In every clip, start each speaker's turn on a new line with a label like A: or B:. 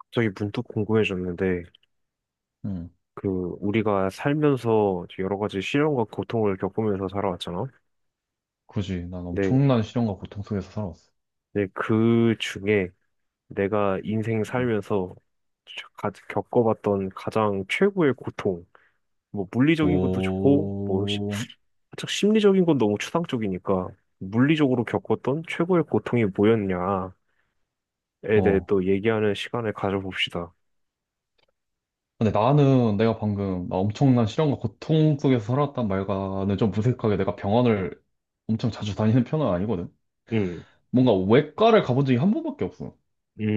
A: 갑자기 문득 궁금해졌는데,
B: 응.
A: 그, 우리가 살면서 여러 가지 시련과 고통을 겪으면서 살아왔잖아?
B: 굳이 난
A: 근데,
B: 엄청난 시련과 고통 속에서 살아왔어.
A: 근데 그 중에 내가 인생
B: 음.
A: 살면서 겪어봤던 가장 최고의 고통, 뭐, 물리적인 것도 좋고.
B: 뭐,
A: 살짝 심리적인 건 너무 추상적이니까, 물리적으로 겪었던 최고의 고통이 뭐였냐에 대해
B: 어.
A: 또 얘기하는 시간을 가져봅시다.
B: 근데 나는 내가 방금 나 엄청난 시련과 고통 속에서 살았단 말과는 좀 무색하게 내가 병원을 엄청 자주 다니는 편은 아니거든.
A: 음.
B: 뭔가 외과를 가본 적이 한 번밖에 없어.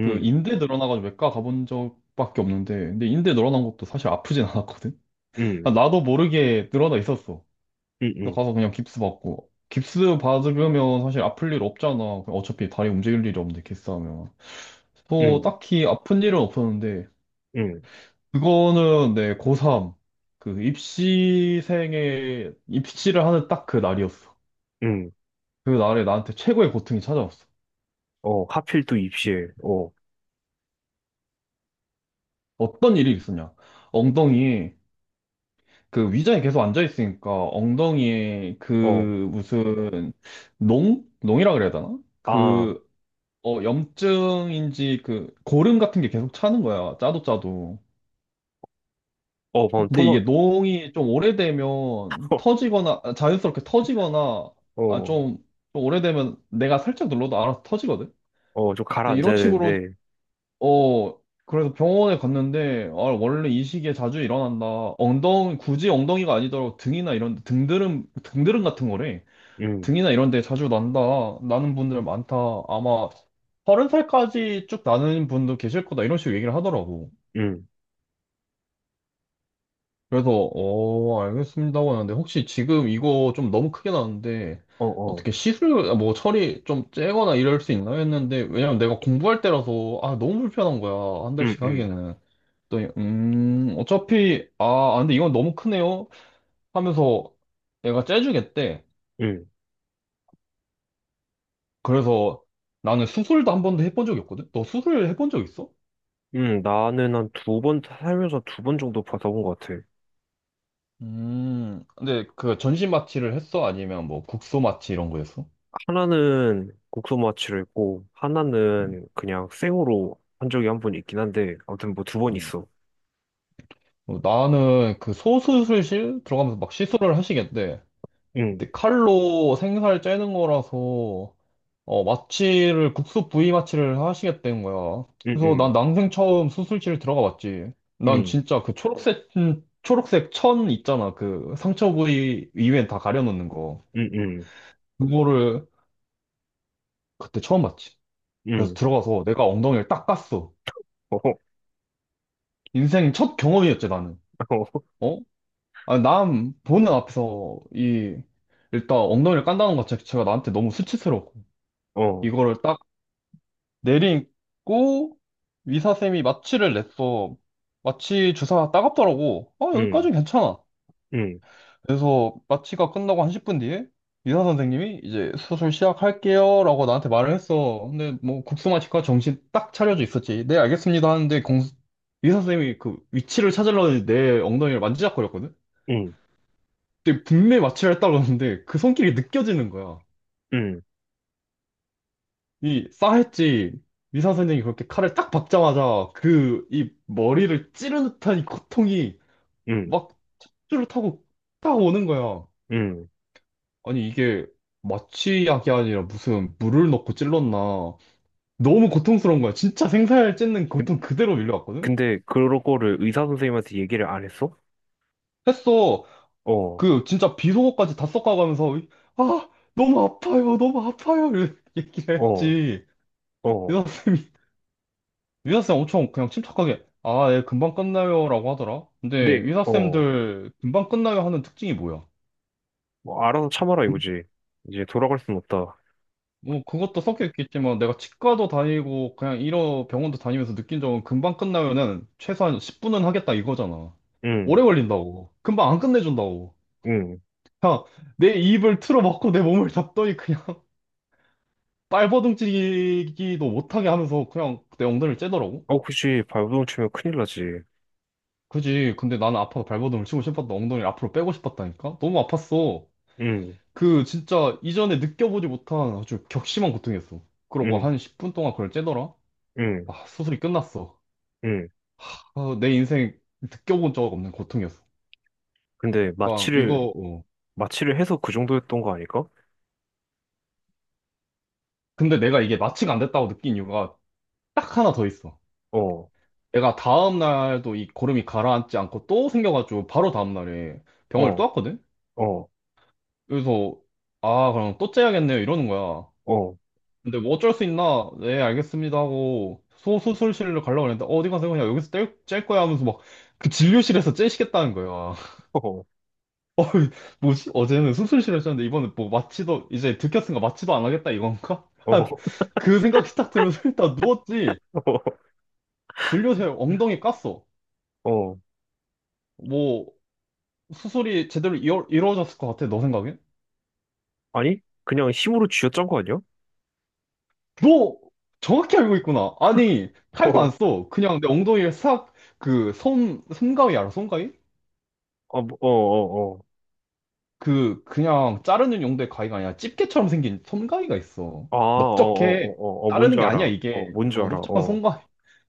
B: 그 인대 늘어나가지고 외과 가본 적밖에 없는데, 근데 인대 늘어난 것도 사실 아프진 않았거든.
A: 음.
B: 아, 나도 모르게 늘어나 있었어.
A: 음.
B: 그래서
A: 음.
B: 가서 그냥 깁스 받고. 깁스 받으면 사실 아플 일 없잖아. 그냥 어차피 다리 움직일 일이 없는데, 깁스하면. 또
A: 음.
B: 딱히 아픈 일은 없었는데,
A: 음.
B: 그거는 내 고3, 그 입시생의, 입시를 하는 딱 그 날이었어.
A: 음.
B: 그 날에 나한테 최고의 고통이 찾아왔어.
A: 어, 하필 또 입실. 어,
B: 어떤 일이 있었냐. 엉덩이에, 그 의자에 계속 앉아있으니까 엉덩이에
A: 어,
B: 그 무슨 농? 농이라 그래야 되나?
A: 아,
B: 그 어, 염증인지 그 고름 같은 게 계속 차는 거야. 짜도 짜도.
A: 어, 방금
B: 근데 이게
A: 톤업.
B: 농이 좀 오래되면 터지거나 아, 자연스럽게 터지거나 아,
A: 어,
B: 좀 오래되면 내가 살짝 눌러도 알아서 터지거든.
A: 어, 좀
B: 근데 이런
A: 가라앉아야
B: 식으로
A: 되는데.
B: 어 그래서 병원에 갔는데 아, 원래 이 시기에 자주 일어난다. 엉덩이 굳이 엉덩이가 아니더라도 등이나 이런 등드름 등드름 같은 거래.
A: 음.
B: 등이나 이런 데 자주 난다. 나는 분들 많다. 아마 서른 살까지 쭉 나는 분도 계실 거다. 이런 식으로 얘기를 하더라고.
A: 음.
B: 그래서, 어, 알겠습니다. 하고 하는데, 혹시 지금 이거 좀 너무 크게 나는데,
A: 어. 어.
B: 어떻게 시술, 아, 뭐, 처리 좀 째거나 이럴 수 있나 했는데, 왜냐면 내가 공부할 때라서, 아, 너무 불편한 거야. 한
A: 음.
B: 달씩
A: 음.
B: 하기에는. 또, 어차피, 근데 이건 너무 크네요. 하면서 얘가 째주겠대.
A: 음.
B: 그래서 나는 수술도 한 번도 해본 적이 없거든? 너 수술 해본 적 있어?
A: 음. 나는 한 두 번, 살면서 두 번 정도 받아본 것 같아.
B: 근데 그 전신 마취를 했어? 아니면 뭐 국소 마취 이런 거 했어?
A: 하나는 국소마취를 했고, 하나는 그냥 생으로 한 적이 한 번 있긴 한데, 아무튼 뭐 두 번
B: 어.
A: 있어.
B: 어, 나는 그 소수술실 들어가면서 막 시술을 하시겠대.
A: 음.
B: 근데 칼로 생살 째는 거라서 어, 마취를 국소 부위 마취를 하시겠다는 거야.
A: 음.
B: 그래서 난
A: 음.
B: 난생 처음 수술실 들어가 봤지. 난
A: 음.
B: 진짜 그 초록색 초록색 천 있잖아. 그 상처 부위 이외엔 다 가려놓는 거.
A: 음. 음.
B: 그거를 그때 처음 봤지. 그래서
A: 응.
B: 들어가서 내가 엉덩이를 딱 깠어.
A: 어.
B: 인생 첫 경험이었지, 나는. 어? 아, 남 보는 앞에서 이 일단 엉덩이를 깐다는 것 자체가 나한테 너무 수치스럽고
A: 어. 어.
B: 이거를 딱 내리고 의사쌤이 마취를 냈어. 마취 주사 따갑더라고. 아,
A: 음.
B: 여기까지는 괜찮아.
A: 음.
B: 그래서 마취가 끝나고 한 10분 뒤에 의사 선생님이 이제 수술 시작할게요라고 나한테 말을 했어. 근데 뭐 국소마취과 정신 딱 차려져 있었지. 네, 알겠습니다 하는데 공 의사 선생님이 그 위치를 찾으려는내 엉덩이를 만지작거렸거든.
A: 음.
B: 근데 분매 마취를 했다고 하는데 그 손길이 느껴지는 거야.
A: 음.
B: 이 싸했지 의사 선생님이 그렇게 칼을 딱 박자마자 그 이 머리를 찌르는 듯한 이 고통이
A: 음.
B: 막 척추를 타고 딱 오는 거야.
A: 음.
B: 아니 이게 마취약이 아니라 무슨 물을 넣고 찔렀나. 너무 고통스러운 거야. 진짜 생살 찢는 고통 그대로 밀려왔거든?
A: 근데 그거를 런 의사 선생님한테 얘기를 안 했어?
B: 했어.
A: 어,
B: 그 진짜 비속어까지 다 섞어가면서 아 너무 아파요 너무 아파요 이렇게 얘기를
A: 어,
B: 했지.
A: 어.
B: 의사 선생님이 위사쌤 엄청 그냥 침착하게, 아, 예, 금방 끝나요. 라고 하더라. 근데
A: 근데 어,
B: 위사쌤들 금방 끝나요 하는 특징이 뭐야?
A: 뭐 알아서 참아라
B: 음,
A: 이거지. 이제 돌아갈 순 없다.
B: 뭐, 그것도 섞여 있겠지만, 내가 치과도 다니고, 그냥 이런 병원도 다니면서 느낀 적은 금방 끝나요는 최소한 10분은 하겠다 이거잖아.
A: 응,
B: 오래 걸린다고. 금방 안 끝내준다고.
A: 응.
B: 그냥 내 입을 틀어막고 내 몸을 잡더니 그냥 발버둥치기도 못하게 하면서 그냥 내 엉덩이를 째더라고.
A: 어, 그치. 발버둥 치면 큰일 나지.
B: 그지. 근데 나는 아파서 발버둥을 치고 싶었다. 엉덩이를 앞으로 빼고 싶었다니까? 너무 아팠어.
A: 응,
B: 그 진짜 이전에 느껴보지 못한 아주 격심한 고통이었어. 그러고
A: 응,
B: 한 10분 동안 그걸 째더라?
A: 응,
B: 아, 수술이 끝났어.
A: 응.
B: 아, 내 인생 느껴본 적 없는 고통이었어.
A: 근데
B: 그러니까
A: 마취를
B: 이거, 어.
A: 마취를 해서 그 정도였던 거 아닐까?
B: 근데 내가 이게 마취가 안 됐다고 느낀 이유가 딱 하나 더 있어.
A: 어,
B: 내가 다음 날도 이 고름이 가라앉지 않고 또 생겨가지고 바로 다음 날에 병원을 또
A: 어,
B: 왔거든?
A: 어,
B: 그래서, 아, 그럼 또 째야겠네요. 이러는 거야.
A: 어,
B: 근데 뭐 어쩔 수 있나? 네, 알겠습니다 하고 소수술실로 가려고 했는데 어디 가서 그냥 여기서 뗄 거야 하면서 막 그 진료실에서 째시겠다는 거야.
A: 어,
B: 뭐지? 어제는 수술실에서 쪘는데 이번에 뭐 마취도 이제 들켰으니까 마취도 안 하겠다 이건가?
A: 어,
B: 그 생각이 딱 들면서 일단 누웠지. 진료실 엉덩이 깠어.
A: 어.
B: 뭐 수술이 제대로 이루어졌을 것 같아 너 생각엔?
A: 아니? 그냥 힘으로 쥐어짠 거 아니야?
B: 너 정확히 알고 있구나. 아니 칼도 안
A: 어,
B: 써. 그냥 내 엉덩이에 싹 그손 솜가위 알아? 솜가위?
A: 아, 뭐, 어, 어, 어.
B: 그 그냥 자르는 용도의 가위가 아니라 집게처럼 생긴 손가위가 있어.
A: 아, 어, 어,
B: 넓적해.
A: 어, 어, 어, 뭔지
B: 자르는 게 아니야
A: 알아. 어,
B: 이게.
A: 뭔지
B: 어,
A: 알아.
B: 넓적한
A: 어,
B: 손가위.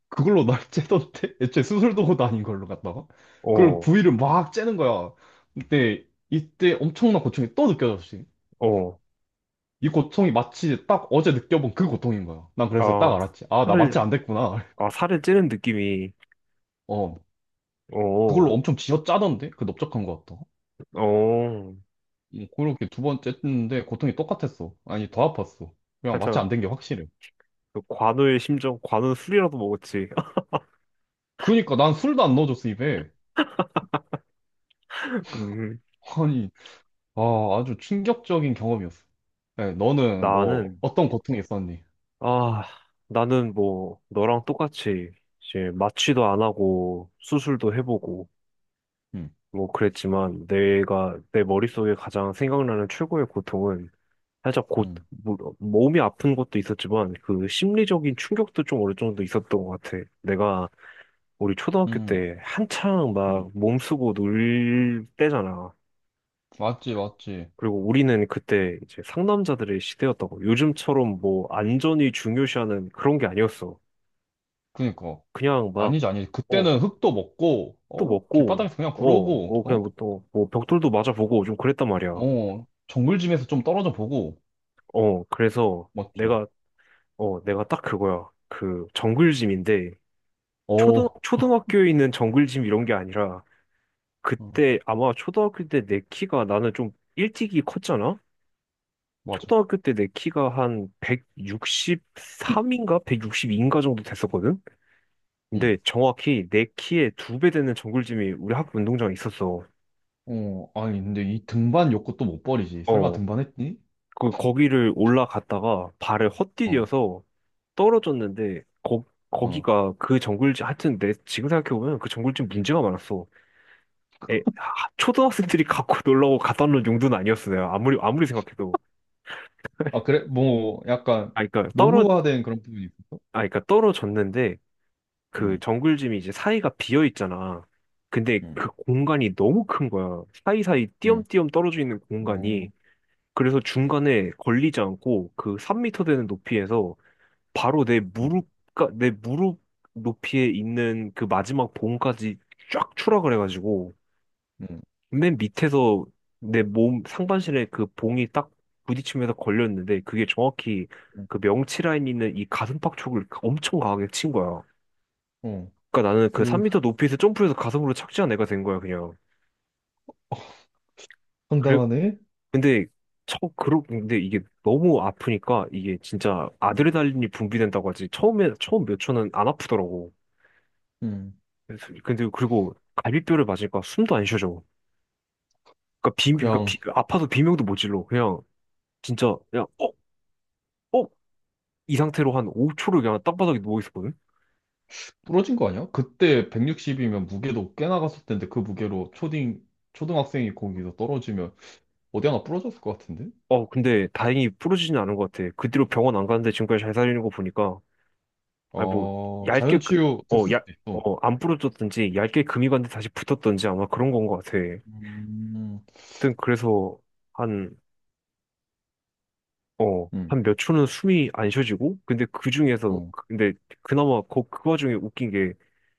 B: 그걸로 날 째던데. 애초에 수술 도구도 아닌 걸로 갖다가. 그걸
A: 어,
B: 부위를 막 째는 거야. 근데 이때 엄청난 고통이 또 느껴졌지.
A: 어.
B: 이 고통이 마치 딱 어제 느껴본 그 고통인 거야. 난 그래서 딱
A: 아,
B: 알았지. 아, 나 마취
A: 살을,
B: 안 됐구나.
A: 아, 살을 찌는 느낌이,
B: 어, 그걸로
A: 어,
B: 엄청 쥐어짜던데? 그 넓적한 거 같다.
A: 어.
B: 그렇게 두 번 쨌는데 고통이 똑같았어. 아니, 더 아팠어. 그냥 마취 안
A: 살짝,
B: 된 게 확실해.
A: 그 관우의 심정, 관우는 술이라도 먹었지.
B: 그니까 난 술도 안 넣어줬어 입에.
A: 음.
B: 아니, 아 아주 충격적인 경험이었어. 네, 너는 뭐
A: 나는,
B: 어떤 고통이 있었니?
A: 아, 나는 뭐, 너랑 똑같이, 이제, 마취도 안 하고, 수술도 해보고,
B: 응,
A: 뭐, 그랬지만, 내가, 내 머릿속에 가장 생각나는 최고의 고통은, 살짝 곧
B: 응,
A: 몸이 아픈 것도 있었지만 그 심리적인 충격도 좀 어느 정도 있었던 것 같아. 내가 우리 초등학교
B: 응,
A: 때 한창
B: 응.
A: 막 몸쓰고 놀 때잖아.
B: 맞지, 맞지.
A: 그리고 우리는 그때 이제 상남자들의 시대였다고. 요즘처럼 뭐 안전이 중요시하는 그런 게 아니었어.
B: 그니까
A: 그냥 막,
B: 아니지, 아니지.
A: 어,
B: 그때는 흙도 먹고,
A: 또
B: 어
A: 먹고,
B: 길바닥에서 그냥
A: 어,
B: 구르고,
A: 뭐 그냥
B: 어,
A: 뭐 또, 뭐 벽돌도 맞아보고 좀 그랬단 말이야.
B: 어 정글짐에서 좀 떨어져 보고,
A: 어, 그래서
B: 맞지.
A: 내가, 어, 내가 딱 그거야. 그 정글짐인데
B: 어,
A: 초등,
B: 어,
A: 초등학교에 있는 정글짐 이런 게 아니라 그때 아마 초등학교 때 내 키가 나는 좀 일찍이 컸잖아?
B: 맞아.
A: 초등학교 때 내 키가 한 163인가 162인가 정도 됐었거든?
B: 응.
A: 근데 정확히 내 키의 두 배 되는 정글짐이 우리 학교 운동장에 있었어.
B: 어, 아니 근데 이 등반 욕구 또 못 버리지. 설마
A: 어,
B: 등반했니?
A: 그, 거기를 올라갔다가 발을
B: 어,
A: 헛디뎌서 떨어졌는데 거,
B: 어.
A: 거기가 그 정글짐, 하여튼 내 지금 생각해보면 그 정글짐 문제가 많았어. 에, 하, 초등학생들이 갖고 놀라고 갖다 놓은 용도는 아니었어요. 아무리 아무리 생각해도.
B: 아 그래, 뭐 약간
A: 아, 그러니까 떨어, 아,
B: 노후화된 그런 부분이 있었어?
A: 그러니까 떨어졌는데 그
B: 응.
A: 정글짐이 이제 사이가 비어 있잖아. 근데
B: 응.
A: 그 공간이 너무 큰 거야. 사이사이
B: 음,
A: 띄엄띄엄 떨어져 있는 공간이.
B: 어,
A: 그래서 중간에 걸리지 않고 그 3미터 되는 높이에서 바로 내
B: 음,
A: 무릎, 그러니까 내 무릎 높이에 있는 그 마지막 봉까지 쫙 추락을 해가지고.
B: 음,
A: 맨 밑에서 내 몸 상반신에 그 봉이 딱 부딪히면서 걸렸는데 그게 정확히
B: 음,
A: 그 명치 라인 있는 이 가슴팍 쪽을 엄청 강하게 친 거야.
B: 어,
A: 그러니까 나는 그
B: 그
A: 3m 높이에서 점프해서 가슴으로 착지한 애가 된 거야 그냥. 그래
B: 황당하네.
A: 근데 저 그러 근데 이게 너무 아프니까 이게 진짜
B: 음,
A: 아드레날린이 분비된다고 하지 처음에 처음 몇 초는 안 아프더라고.
B: 음.
A: 근데 그리고 갈비뼈를 맞으니까 숨도 안 쉬어져. 그러니까
B: 그냥
A: 아파서 비명도 못 질러 그냥 진짜 그냥 어? 어? 이 상태로 한 5초를 그냥 땅바닥에 누워 있었거든?
B: 부러진 거 아니야? 그때 160이면 무게도 꽤 나갔을 텐데 그 무게로 초딩, 초등학생이 거기서 떨어지면 어디 하나 부러졌을 것 같은데?
A: 어, 근데 다행히 부러지진 않은 것 같아. 그 뒤로 병원 안 가는데 지금까지 잘 살리는 거 보니까, 아니, 뭐,
B: 어,
A: 얇게, 그-
B: 자연치유
A: 어,
B: 됐을
A: 얇,
B: 수도 있어.
A: 어, 안 부러졌든지, 얇게 금이 갔는데 다시 붙었던지 아마 그런 건 것 같아.
B: 음,
A: 하여튼, 그래서 한, 어,
B: 음,
A: 한 몇 초는 숨이 안 쉬어지고, 근데 그 중에서,
B: 어,
A: 그, 근데 그나마 그, 그 와중에 웃긴 게,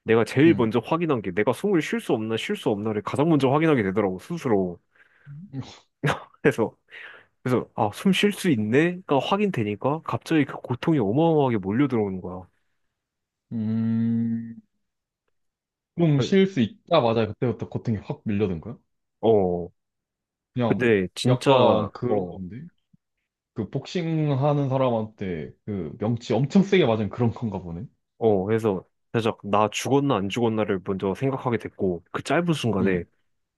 A: 내가 제일
B: 음,
A: 먼저 확인한 게 내가 숨을 쉴 수 없나, 쉴 수 없나를 가장 먼저 확인하게 되더라고, 스스로. 그래서 그래서 아, 숨 쉴 수 있네가 확인되니까 갑자기 그 고통이 어마어마하게 몰려 들어오는 거야.
B: 음, 좀
A: 그-
B: 쉴 수 있자마자 그때부터 고통이 확 밀려든 거야?
A: 어,
B: 그냥
A: 근데
B: 약간
A: 진짜
B: 그런
A: 어,
B: 건데? 그 복싱 하는 사람한테 그 명치 엄청 세게 맞은 그런 건가 보네.
A: 어, 해서 살짝 나 죽었나 안 죽었나를 먼저 생각하게 됐고 그 짧은 순간에
B: 응,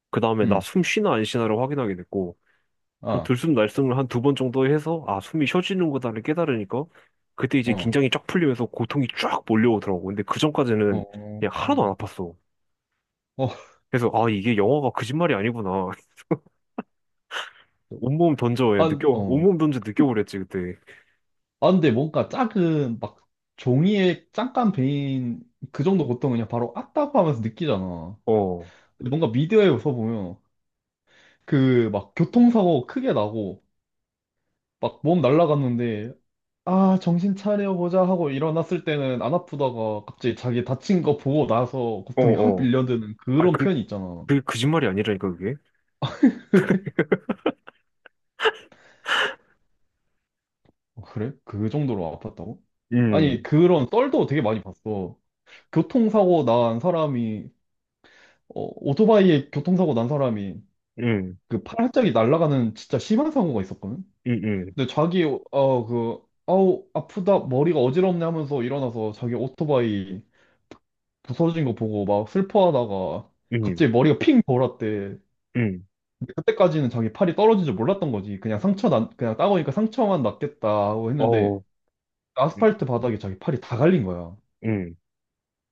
A: 그 다음에 나
B: 응,
A: 숨 쉬나 안 쉬나를 확인하게 됐고 한
B: 아,
A: 들숨 날숨을 한 두 번 정도 해서 아, 숨이 쉬어지는 거다를 깨달으니까 그때 이제
B: 어,
A: 긴장이 쫙 풀리면서 고통이 쫙 몰려오더라고. 근데 그
B: 어,
A: 전까지는
B: 어,
A: 그냥 하나도 안 아팠어.
B: 어,
A: 그래서 아, 이게 영화가 거짓말이 아니구나. 온몸 던져, 야,
B: 한,
A: 느껴,
B: 어.
A: 온몸 던져 느껴보랬지, 그때.
B: 아, 근데 뭔가 작은 막 종이에 잠깐 베인 그 정도 고통은 그냥 바로 아따고 하면서 느끼잖아.
A: 어, 어,
B: 근데 뭔가 미디어에서 보면 그 막 교통사고 크게 나고 막 몸 날라갔는데 아, 정신 차려보자 하고 일어났을 때는 안 아프다가 갑자기 자기 다친 거 보고 나서 고통이 확
A: 어.
B: 밀려드는
A: 아,
B: 그런
A: 그,
B: 편이 있잖아.
A: 그, 거짓말이 아니라니까, 그게.
B: 어, 그래? 그 정도로 아팠다고? 아니,
A: 음.
B: 그런 썰도 되게 많이 봤어. 교통사고 난 사람이, 어, 오토바이에 교통사고 난 사람이
A: 음.
B: 그 팔짝이 날아가는 진짜 심한 사고가 있었거든?
A: 음. 음.
B: 근데 자기, 어, 그, 아우, 아프다, 머리가 어지럽네 하면서 일어나서 자기 오토바이 부서진 거 보고 막 슬퍼하다가
A: 음.
B: 갑자기 머리가 핑 돌았대.
A: 음.
B: 근데 그때까지는 자기 팔이 떨어진 줄 몰랐던 거지. 그냥 상처 난, 그냥 따보니까 상처만 났겠다 하고 했는데
A: 어우. 음.
B: 아스팔트 바닥에 자기 팔이 다 갈린 거야.
A: 음.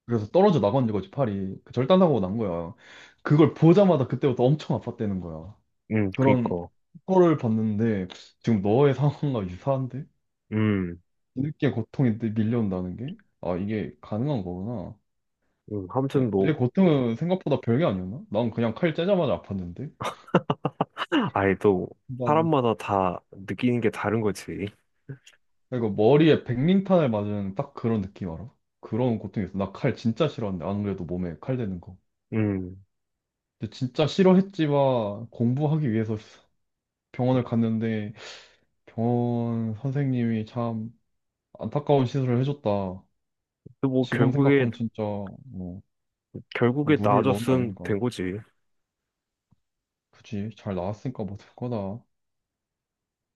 B: 그래서 떨어져 나간 거지, 팔이. 그 절단사고 난 거야. 그걸 보자마자 그때부터 엄청 아팠다는 거야.
A: 음.
B: 그런
A: 그니까.
B: 거를 봤는데, 지금 너의 상황과 유사한데?
A: 음.
B: 뒤늦게 고통이 또 밀려온다는 게? 아, 이게 가능한 거구나.
A: 음.
B: 내,
A: 아무튼
B: 내
A: 뭐,
B: 고통은 생각보다 별게 아니었나? 난 그냥 칼 째자마자 아팠는데?
A: 아예 또,
B: 난,
A: 사람마다 다 느끼는 게 다른 거지.
B: 그리고 머리에 백린탄을 맞은 딱 그런 느낌 알아? 그런 고통이 있어. 나 칼 진짜 싫어하는데, 안 그래도 몸에 칼 대는 거.
A: 음.
B: 근데 진짜 싫어했지만 공부하기 위해서 병원을 갔는데 병원 선생님이 참 안타까운 시술을 해줬다.
A: 근데 뭐,
B: 지금
A: 결국에,
B: 생각하면 진짜 뭐
A: 결국에
B: 물을 넣은 게
A: 나아졌음
B: 아닌가.
A: 된 거지.
B: 그치? 잘 나왔으니까 뭐 될 거다.